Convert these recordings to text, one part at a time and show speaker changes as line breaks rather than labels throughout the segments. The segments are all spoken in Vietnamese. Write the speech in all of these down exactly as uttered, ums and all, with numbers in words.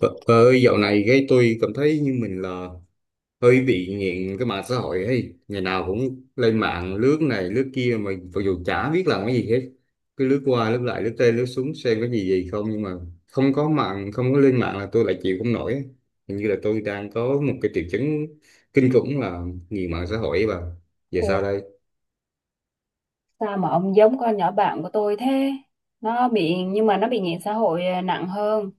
Vợ vợ ơi, dạo này cái tôi cảm thấy như mình là hơi bị nghiện cái mạng xã hội ấy. Ngày nào cũng lên mạng lướt này lướt kia mà mặc dù chả biết làm cái gì hết. Cứ lướt qua lướt lại lướt tên lướt xuống xem có gì gì không nhưng mà không có mạng không có lên mạng là tôi lại chịu không nổi ấy. Hình như là tôi đang có một cái triệu chứng kinh khủng là nghiện mạng xã hội ấy bà. Giờ
Ủa,
sao đây?
sao mà ông giống con nhỏ bạn của tôi thế? Nó bị nhưng mà nó bị nghiện xã hội à, nặng hơn.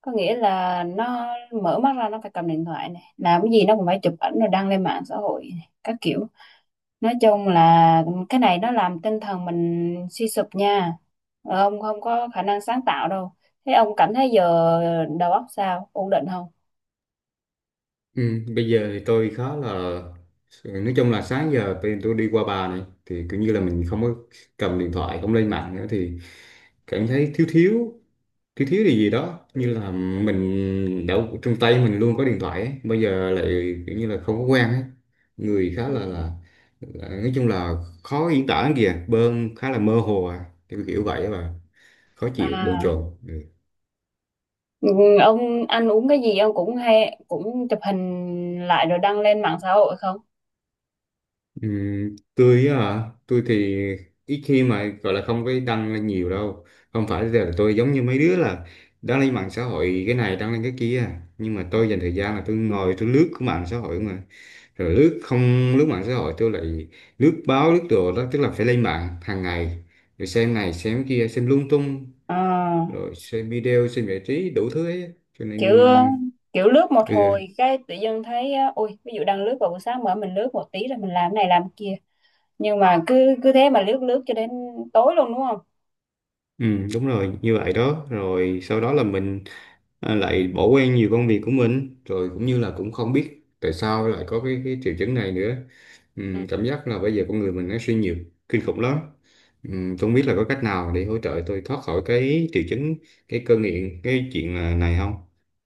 Có nghĩa là nó mở mắt ra nó phải cầm điện thoại này, làm cái gì nó cũng phải chụp ảnh rồi đăng lên mạng xã hội này, các kiểu. Nói chung là cái này nó làm tinh thần mình suy sụp nha. Ờ, Ông không có khả năng sáng tạo đâu. Thế ông cảm thấy giờ đầu óc sao? Ổn định không?
Ừ, bây giờ thì tôi khá là, nói chung là sáng giờ bên tôi đi qua bà này thì kiểu như là mình không có cầm điện thoại không lên mạng nữa thì cảm thấy thiếu thiếu, thiếu thiếu điều gì đó, như là mình đã trong tay mình luôn có điện thoại ấy, bây giờ lại kiểu như là không có quen ấy. Người khá
Ừ.
là, là là nói chung là khó diễn tả lắm kìa bơn, khá là mơ hồ à, kiểu kiểu vậy, và khó chịu bồn
À,
chồn ừ.
ừ, ông ăn uống cái gì ông cũng hay cũng chụp hình lại rồi đăng lên mạng xã hội không?
Ừm, tôi á hả? Tôi thì ít khi, mà gọi là không có đăng lên nhiều đâu, không phải là tôi giống như mấy đứa là đăng lên mạng xã hội cái này đăng lên cái kia, nhưng mà tôi dành thời gian là tôi ngồi tôi lướt cái mạng xã hội mà, rồi lướt không lướt mạng xã hội tôi lại lướt báo lướt đồ đó, tức là phải lên mạng hàng ngày rồi xem này xem kia xem lung tung,
Ờ,
rồi xem video xem giải trí đủ thứ ấy, cho
kiểu
nên
kiểu lướt một
ừ.
hồi cái tự dưng thấy á, ui ví dụ đang lướt vào buổi sáng mở mình lướt một tí rồi mình làm cái này làm cái kia, nhưng mà cứ cứ thế mà lướt lướt cho đến tối luôn đúng không?
Ừ, đúng rồi, như vậy đó, rồi sau đó là mình, à, lại bỏ quên nhiều công việc của mình, rồi cũng như là cũng không biết tại sao lại có cái, cái triệu chứng này nữa, ừ,
Ừ.
cảm giác là bây giờ con người mình nó suy nhiều kinh khủng lắm. Ừ, tôi không biết là có cách nào để hỗ trợ tôi thoát khỏi cái triệu chứng, cái cơn nghiện, cái chuyện là- này không,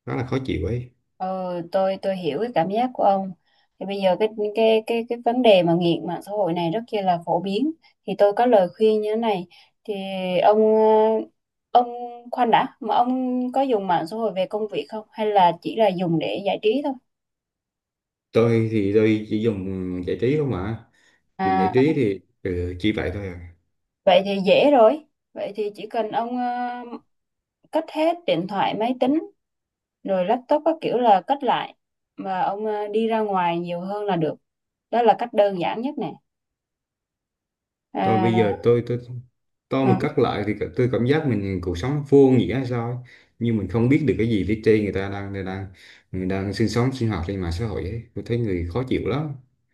rất là khó chịu ấy.
ừ tôi tôi hiểu cái cảm giác của ông. Thì bây giờ cái cái cái cái vấn đề mà nghiện mạng xã hội này rất kia là phổ biến, thì tôi có lời khuyên như thế này. Thì ông ờ, ông khoan đã, mà ông có dùng mạng xã hội về công việc không hay là chỉ là dùng để giải trí thôi?
Tôi thì tôi chỉ dùng giải trí không mà, dùng giải
À,
trí thì ừ, chỉ vậy thôi à.
vậy thì dễ rồi. Vậy thì chỉ cần ông ờ, cất hết điện thoại, máy tính, rồi laptop các kiểu là cất lại. Mà ông ờ, đi ra ngoài nhiều hơn là được. Đó là cách đơn giản nhất nè.
Tôi bây
À,
giờ tôi tôi, tôi
ừ.
mà cắt lại thì tôi cảm giác mình cuộc sống vô nghĩa hay sao ấy. Nhưng mình không biết được cái gì phía trên người ta đang đang đang người đang sinh sống sinh hoạt trên mạng xã hội ấy. Tôi thấy người khó chịu lắm.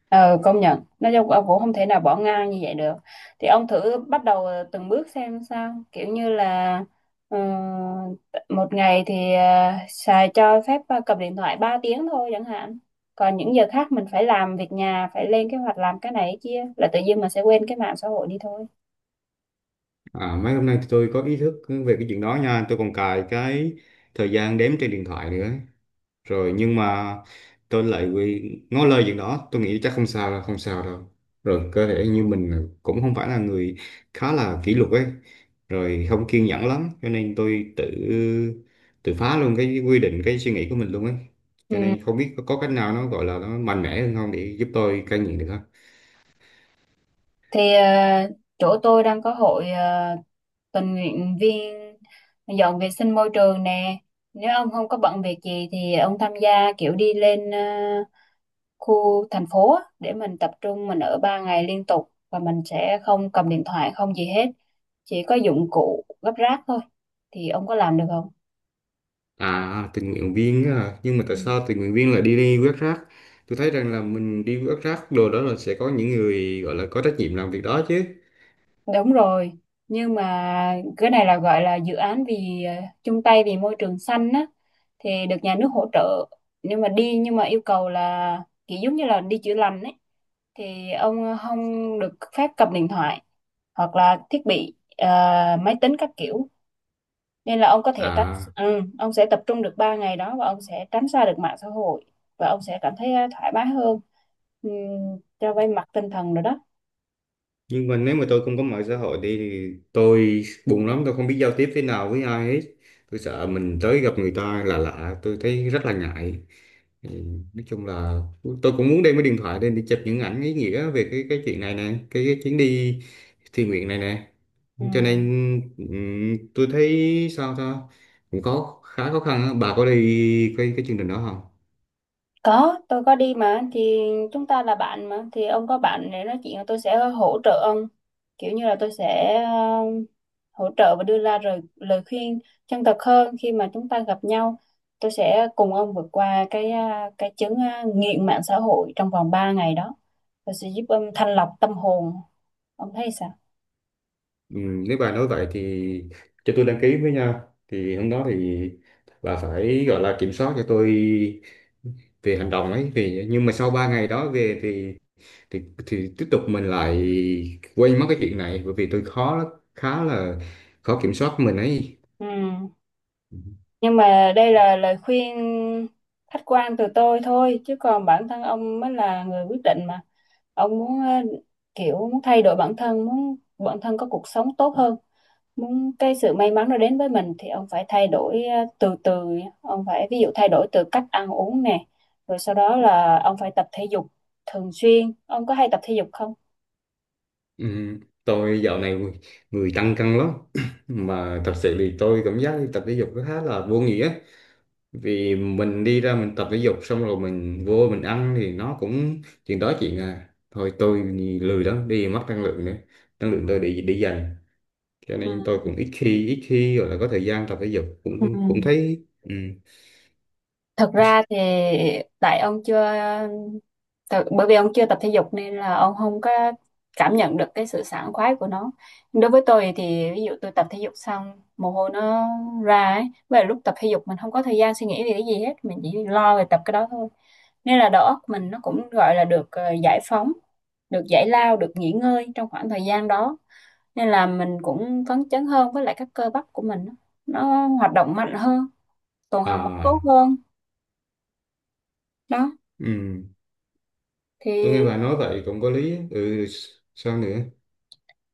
Ờ, Công nhận nói chung ông cũng không thể nào bỏ ngang như vậy được, thì ông thử bắt đầu ờ, từng bước xem sao, kiểu như là ờ, một ngày thì ờ, xài cho phép ờ, cầm điện thoại ba tiếng thôi chẳng hạn, còn những giờ khác mình phải làm việc nhà, phải lên kế hoạch làm cái này cái kia là tự nhiên mình sẽ quên cái mạng xã hội đi thôi.
À, mấy hôm nay tôi có ý thức về cái chuyện đó nha, tôi còn cài cái thời gian đếm trên điện thoại nữa rồi, nhưng mà tôi lại quy, ngó lơ chuyện đó, tôi nghĩ chắc không sao đâu không sao đâu, rồi cơ thể như mình là- cũng không phải là người khá là kỷ luật ấy, rồi không kiên nhẫn lắm, cho nên tôi tự tự phá luôn cái quy định cái suy nghĩ của mình luôn ấy. Cho
Ừ.
nên không biết có, có cách nào nó gọi là nó mạnh mẽ hơn không để giúp tôi cai nghiện được không.
Thì ờ, chỗ tôi đang có hội ờ, tình nguyện viên dọn vệ sinh môi trường nè, nếu ông không có bận việc gì thì ông tham gia, kiểu đi lên ờ, khu thành phố á, để mình tập trung, mình ở ba ngày liên tục và mình sẽ không cầm điện thoại không gì hết, chỉ có dụng cụ gấp rác thôi. Thì ông có làm được không?
À tình nguyện viên á hả? Nhưng mà tại
Ừ.
sao tình nguyện viên lại đi, đi quét rác? Tôi thấy rằng là mình đi quét rác đồ đó là sẽ có những người gọi là có trách nhiệm làm việc đó chứ.
Đúng rồi, nhưng mà cái này là gọi là dự án vì ờ, chung tay vì môi trường xanh á, thì được nhà nước hỗ trợ. Nhưng mà đi, nhưng mà yêu cầu là kiểu giống như là đi chữa lành ấy, thì ông không được phép cầm điện thoại hoặc là thiết bị ờ, máy tính các kiểu, nên là ông có thể tránh.
À
Ừ, ông sẽ tập trung được ba ngày đó và ông sẽ tránh xa được mạng xã hội và ông sẽ cảm thấy ờ, thoải mái hơn. Ừm, cho vay mặt tinh thần rồi đó.
nhưng mà nếu mà tôi không có mạng xã hội đi thì tôi buồn lắm, tôi không biết giao tiếp thế nào với ai hết, tôi sợ mình tới gặp người ta là lạ, tôi thấy rất là ngại. Ừ, nói chung là tôi cũng muốn đem cái điện thoại lên để chụp những ảnh ý nghĩa về cái cái chuyện này nè, cái, cái chuyến đi thiện nguyện này nè, cho nên
Ừm,
ừm, tôi thấy sao ta, cũng có khá khó khăn á. Bà có đi cái cái chương trình đó không?
Có, tôi có đi mà. Thì chúng ta là bạn mà, thì ông có bạn để nói chuyện, tôi sẽ hỗ trợ ông, kiểu như là tôi sẽ ờ, hỗ trợ và đưa ra lời, lời khuyên chân thật hơn khi mà chúng ta gặp nhau. Tôi sẽ cùng ông vượt qua cái à, cái chứng à, nghiện mạng xã hội trong vòng ba ngày đó, tôi sẽ giúp ông thanh lọc tâm hồn. Ông thấy sao?
Ừ, nếu bà nói vậy thì cho tôi đăng ký với nha. Thì hôm đó thì bà phải gọi là kiểm soát cho tôi về hành động ấy, vì nhưng mà sau ba ngày đó về thì, thì thì tiếp tục mình lại quên mất cái chuyện này, bởi vì tôi khó lắm, khá là khó kiểm soát mình ấy.
Ừ. Nhưng mà đây là lời khuyên khách quan từ tôi thôi, chứ còn bản thân ông mới là người quyết định mà. Ông muốn ờ, kiểu muốn thay đổi bản thân, muốn bản thân có cuộc sống tốt hơn, muốn cái sự may mắn nó đến với mình thì ông phải thay đổi ờ, từ từ. Ông phải ví dụ thay đổi từ cách ăn uống nè, rồi sau đó là ông phải tập thể dục thường xuyên. Ông có hay tập thể dục không?
Ừ, tôi dạo này người, người tăng cân lắm mà thật sự thì tôi cảm giác đi tập thể dục nó khá là vô nghĩa, vì mình đi ra mình tập thể dục xong rồi mình vô mình ăn thì nó cũng chuyện đó chuyện à, thôi tôi lười lắm, đi mất năng lượng nữa, năng lượng tôi để để dành, cho
Ừ.
nên tôi cũng ít khi ít khi gọi là có thời gian tập thể dục,
Ừ.
cũng cũng thấy ừ.
Thật ra thì tại ông chưa Tại- bởi vì ông chưa tập thể dục nên là ông không có cảm nhận được cái sự sảng khoái của nó. Đối với tôi thì ví dụ tôi tập thể dục xong, mồ hôi nó ra ấy, và lúc tập thể dục mình không có thời gian suy nghĩ về cái gì hết, mình chỉ lo về tập cái đó thôi, nên là đầu óc mình nó cũng gọi là được ờ, giải phóng, được giải lao, được nghỉ ngơi trong khoảng thời gian đó, nên là mình cũng phấn chấn hơn, với lại các cơ bắp của mình nó nó hoạt động mạnh hơn, tuần hoàn máu
À
tốt hơn đó.
ừ.
thì
Tôi nghe bà nói vậy cũng có lý á. Ừ, sao nữa?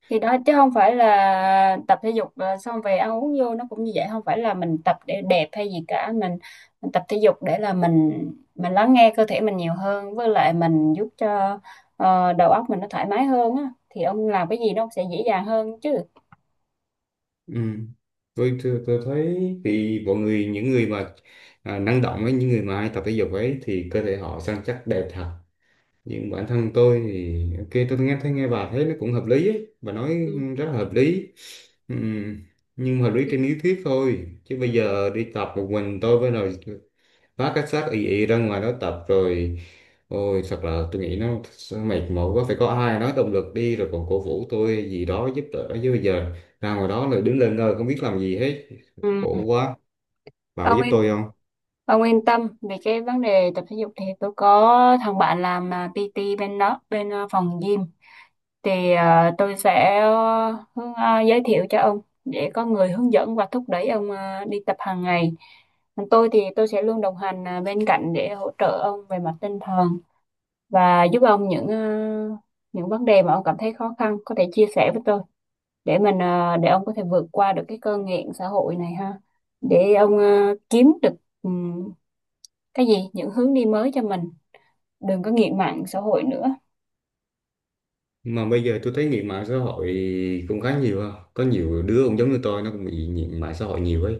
thì đó, chứ không phải là tập thể dục ờ, xong về ăn uống vô nó cũng như vậy, không phải là mình tập để đẹp hay gì cả, mình, mình tập thể dục để là mình mình lắng nghe cơ thể mình nhiều hơn, với lại mình giúp cho ờ, đầu óc mình nó thoải mái hơn á, thì ông làm cái gì nó cũng sẽ dễ dàng hơn chứ.
Ừ, tôi, tôi tôi thấy thì mọi người những người mà, à, năng động ấy, những người mà hay tập thể dục ấy thì cơ thể họ săn chắc đẹp thật, nhưng bản thân tôi thì ok, tôi nghe thấy nghe bà thấy nó cũng hợp lý ấy. Bà nói
Ừ.
rất là hợp lý. Ừm, nhưng mà hợp lý trên lý thuyết thôi, chứ bây giờ đi tập một mình tôi với rồi vác cái xác ì ì ra ngoài đó tập, rồi ôi thật là tôi nghĩ nó sẽ mệt mỏi quá, phải có ai nói động lực đi rồi còn cổ vũ tôi gì đó giúp đỡ, chứ bây giờ ra ngoài đó rồi đứng lên ngơ không biết làm gì hết,
Ừ.
khổ quá. Bà có
ông
giúp
yên
tôi không?
ông yên tâm về cái vấn đề tập thể dục, thì tôi có thằng bạn làm à, pê tê bên đó, bên à, phòng gym, thì ờ, tôi sẽ ờ, hướng- ờ, giới thiệu cho ông để có người hướng dẫn và thúc đẩy ông ờ, đi tập hàng ngày. Còn tôi thì tôi sẽ luôn đồng hành ờ, bên cạnh để hỗ trợ ông về mặt tinh thần và giúp ông những ờ, những vấn đề mà ông cảm thấy khó khăn có thể chia sẻ với tôi, để mình ờ, để ông có thể vượt qua được cái cơn nghiện xã hội này ha. Để ông ờ, kiếm được ừm, cái gì những hướng đi mới cho mình, đừng có nghiện mạng xã hội nữa.
Mà bây giờ tôi thấy nghiện mạng xã hội cũng khá nhiều ha, có nhiều đứa cũng giống như tôi, nó cũng bị nghiện mạng xã hội nhiều ấy.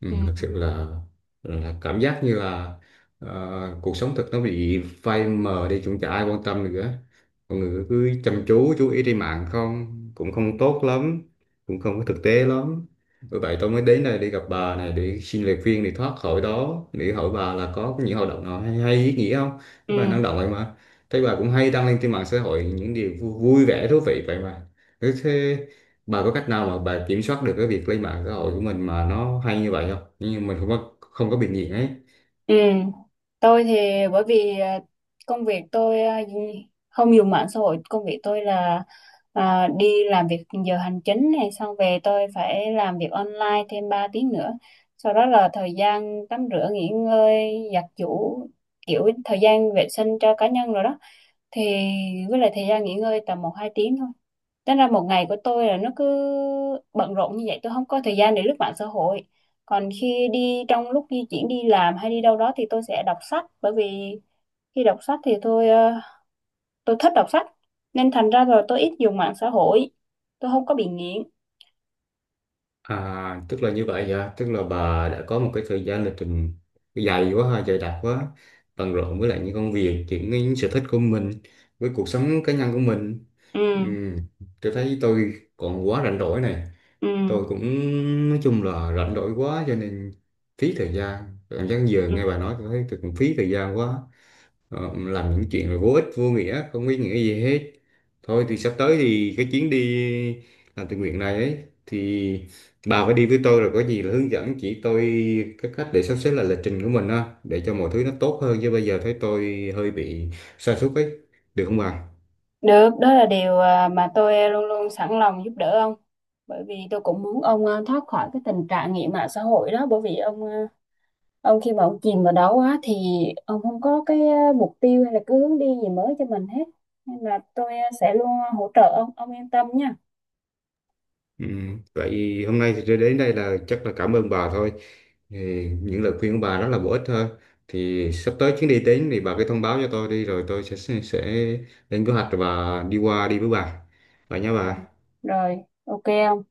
Ừ,
Ừ.
thực sự là là cảm giác như là, ờ, cuộc sống thực nó bị phai mờ đi, cũng chả ai quan tâm nữa, mọi người cứ chăm chú chú ý trên mạng không, cũng không tốt lắm, cũng không có thực tế lắm, bởi vậy tôi mới đến đây để gặp bà này để xin lời khuyên để thoát khỏi đó, để hỏi bà là có những hoạt động nào hay, hay ý nghĩa không.
Ừ.
Thế bà năng động vậy mà, thấy bà cũng hay đăng lên trên mạng xã hội những điều vui, vui vẻ thú vị vậy mà, thế, bà có cách nào mà bà kiểm soát được cái việc lên mạng xã hội của mình mà nó hay như vậy không? Nhưng mà mình không có, không có bị nghiện ấy.
Ừ, tôi thì bởi vì à, công việc tôi à, không dùng mạng xã hội, công việc tôi là à, đi làm việc giờ hành chính này, xong về tôi phải làm việc online thêm ba tiếng nữa. Sau đó là thời gian tắm rửa, nghỉ ngơi, giặt giũ, kiểu thời gian vệ sinh cho cá nhân rồi đó, thì với lại thời gian nghỉ ngơi tầm một hai tiếng thôi. Tính ra một ngày của tôi là nó cứ bận rộn như vậy, tôi không có thời gian để lướt mạng xã hội. Còn khi đi trong lúc di chuyển đi làm hay đi đâu đó thì tôi sẽ đọc sách, bởi vì khi đọc sách thì tôi ờ, tôi thích đọc sách, nên thành ra rồi tôi ít dùng mạng xã hội, tôi không có bị nghiện.
À, tức là như vậy hả? Tức là bà đã có một cái thời gian lịch trình dài quá ha, dày đặc quá, bận rộn với lại những công việc, những, những sở thích của mình, với cuộc sống cá nhân của mình.
Ừ,
Ừm, tôi thấy tôi còn quá rảnh rỗi này.
ừ,
Tôi cũng nói chung là rảnh rỗi quá, cho nên phí thời gian. Cảm giác giờ
ừ.
nghe bà nói tôi thấy tôi cũng phí thời gian quá. Ờ, làm những chuyện là vô ích vô nghĩa không ý nghĩa gì hết, thôi thì sắp tới thì cái chuyến đi làm tình nguyện này ấy, thì bà phải đi với tôi rồi có gì là hướng dẫn chỉ tôi cái cách để sắp xếp lại lịch trình của mình á, để cho mọi thứ nó tốt hơn, chứ bây giờ thấy tôi hơi bị sa sút ấy, được không bà?
Được, đó là điều ờ, mà tôi luôn luôn sẵn lòng giúp đỡ ông, bởi vì tôi cũng muốn ông ờ, thoát khỏi cái tình trạng nghiện mạng xã hội đó. Bởi vì ông ờ, ông khi mà ông chìm vào đó quá thì ông không có cái ờ, mục tiêu hay là cái hướng đi gì mới cho mình hết, nên là tôi ờ, sẽ luôn hỗ trợ ông. Ông yên tâm nha.
Ừ. Vậy hôm nay thì đến đây là chắc là cảm ơn bà thôi. Thì những lời khuyên của bà rất là bổ ích thôi. Thì sắp tới chuyến đi đến thì bà cứ thông báo cho tôi đi, rồi tôi sẽ sẽ lên kế hoạch và đi qua đi với bà. Vậy nha
Ừ.
bà.
Rồi, ok ông.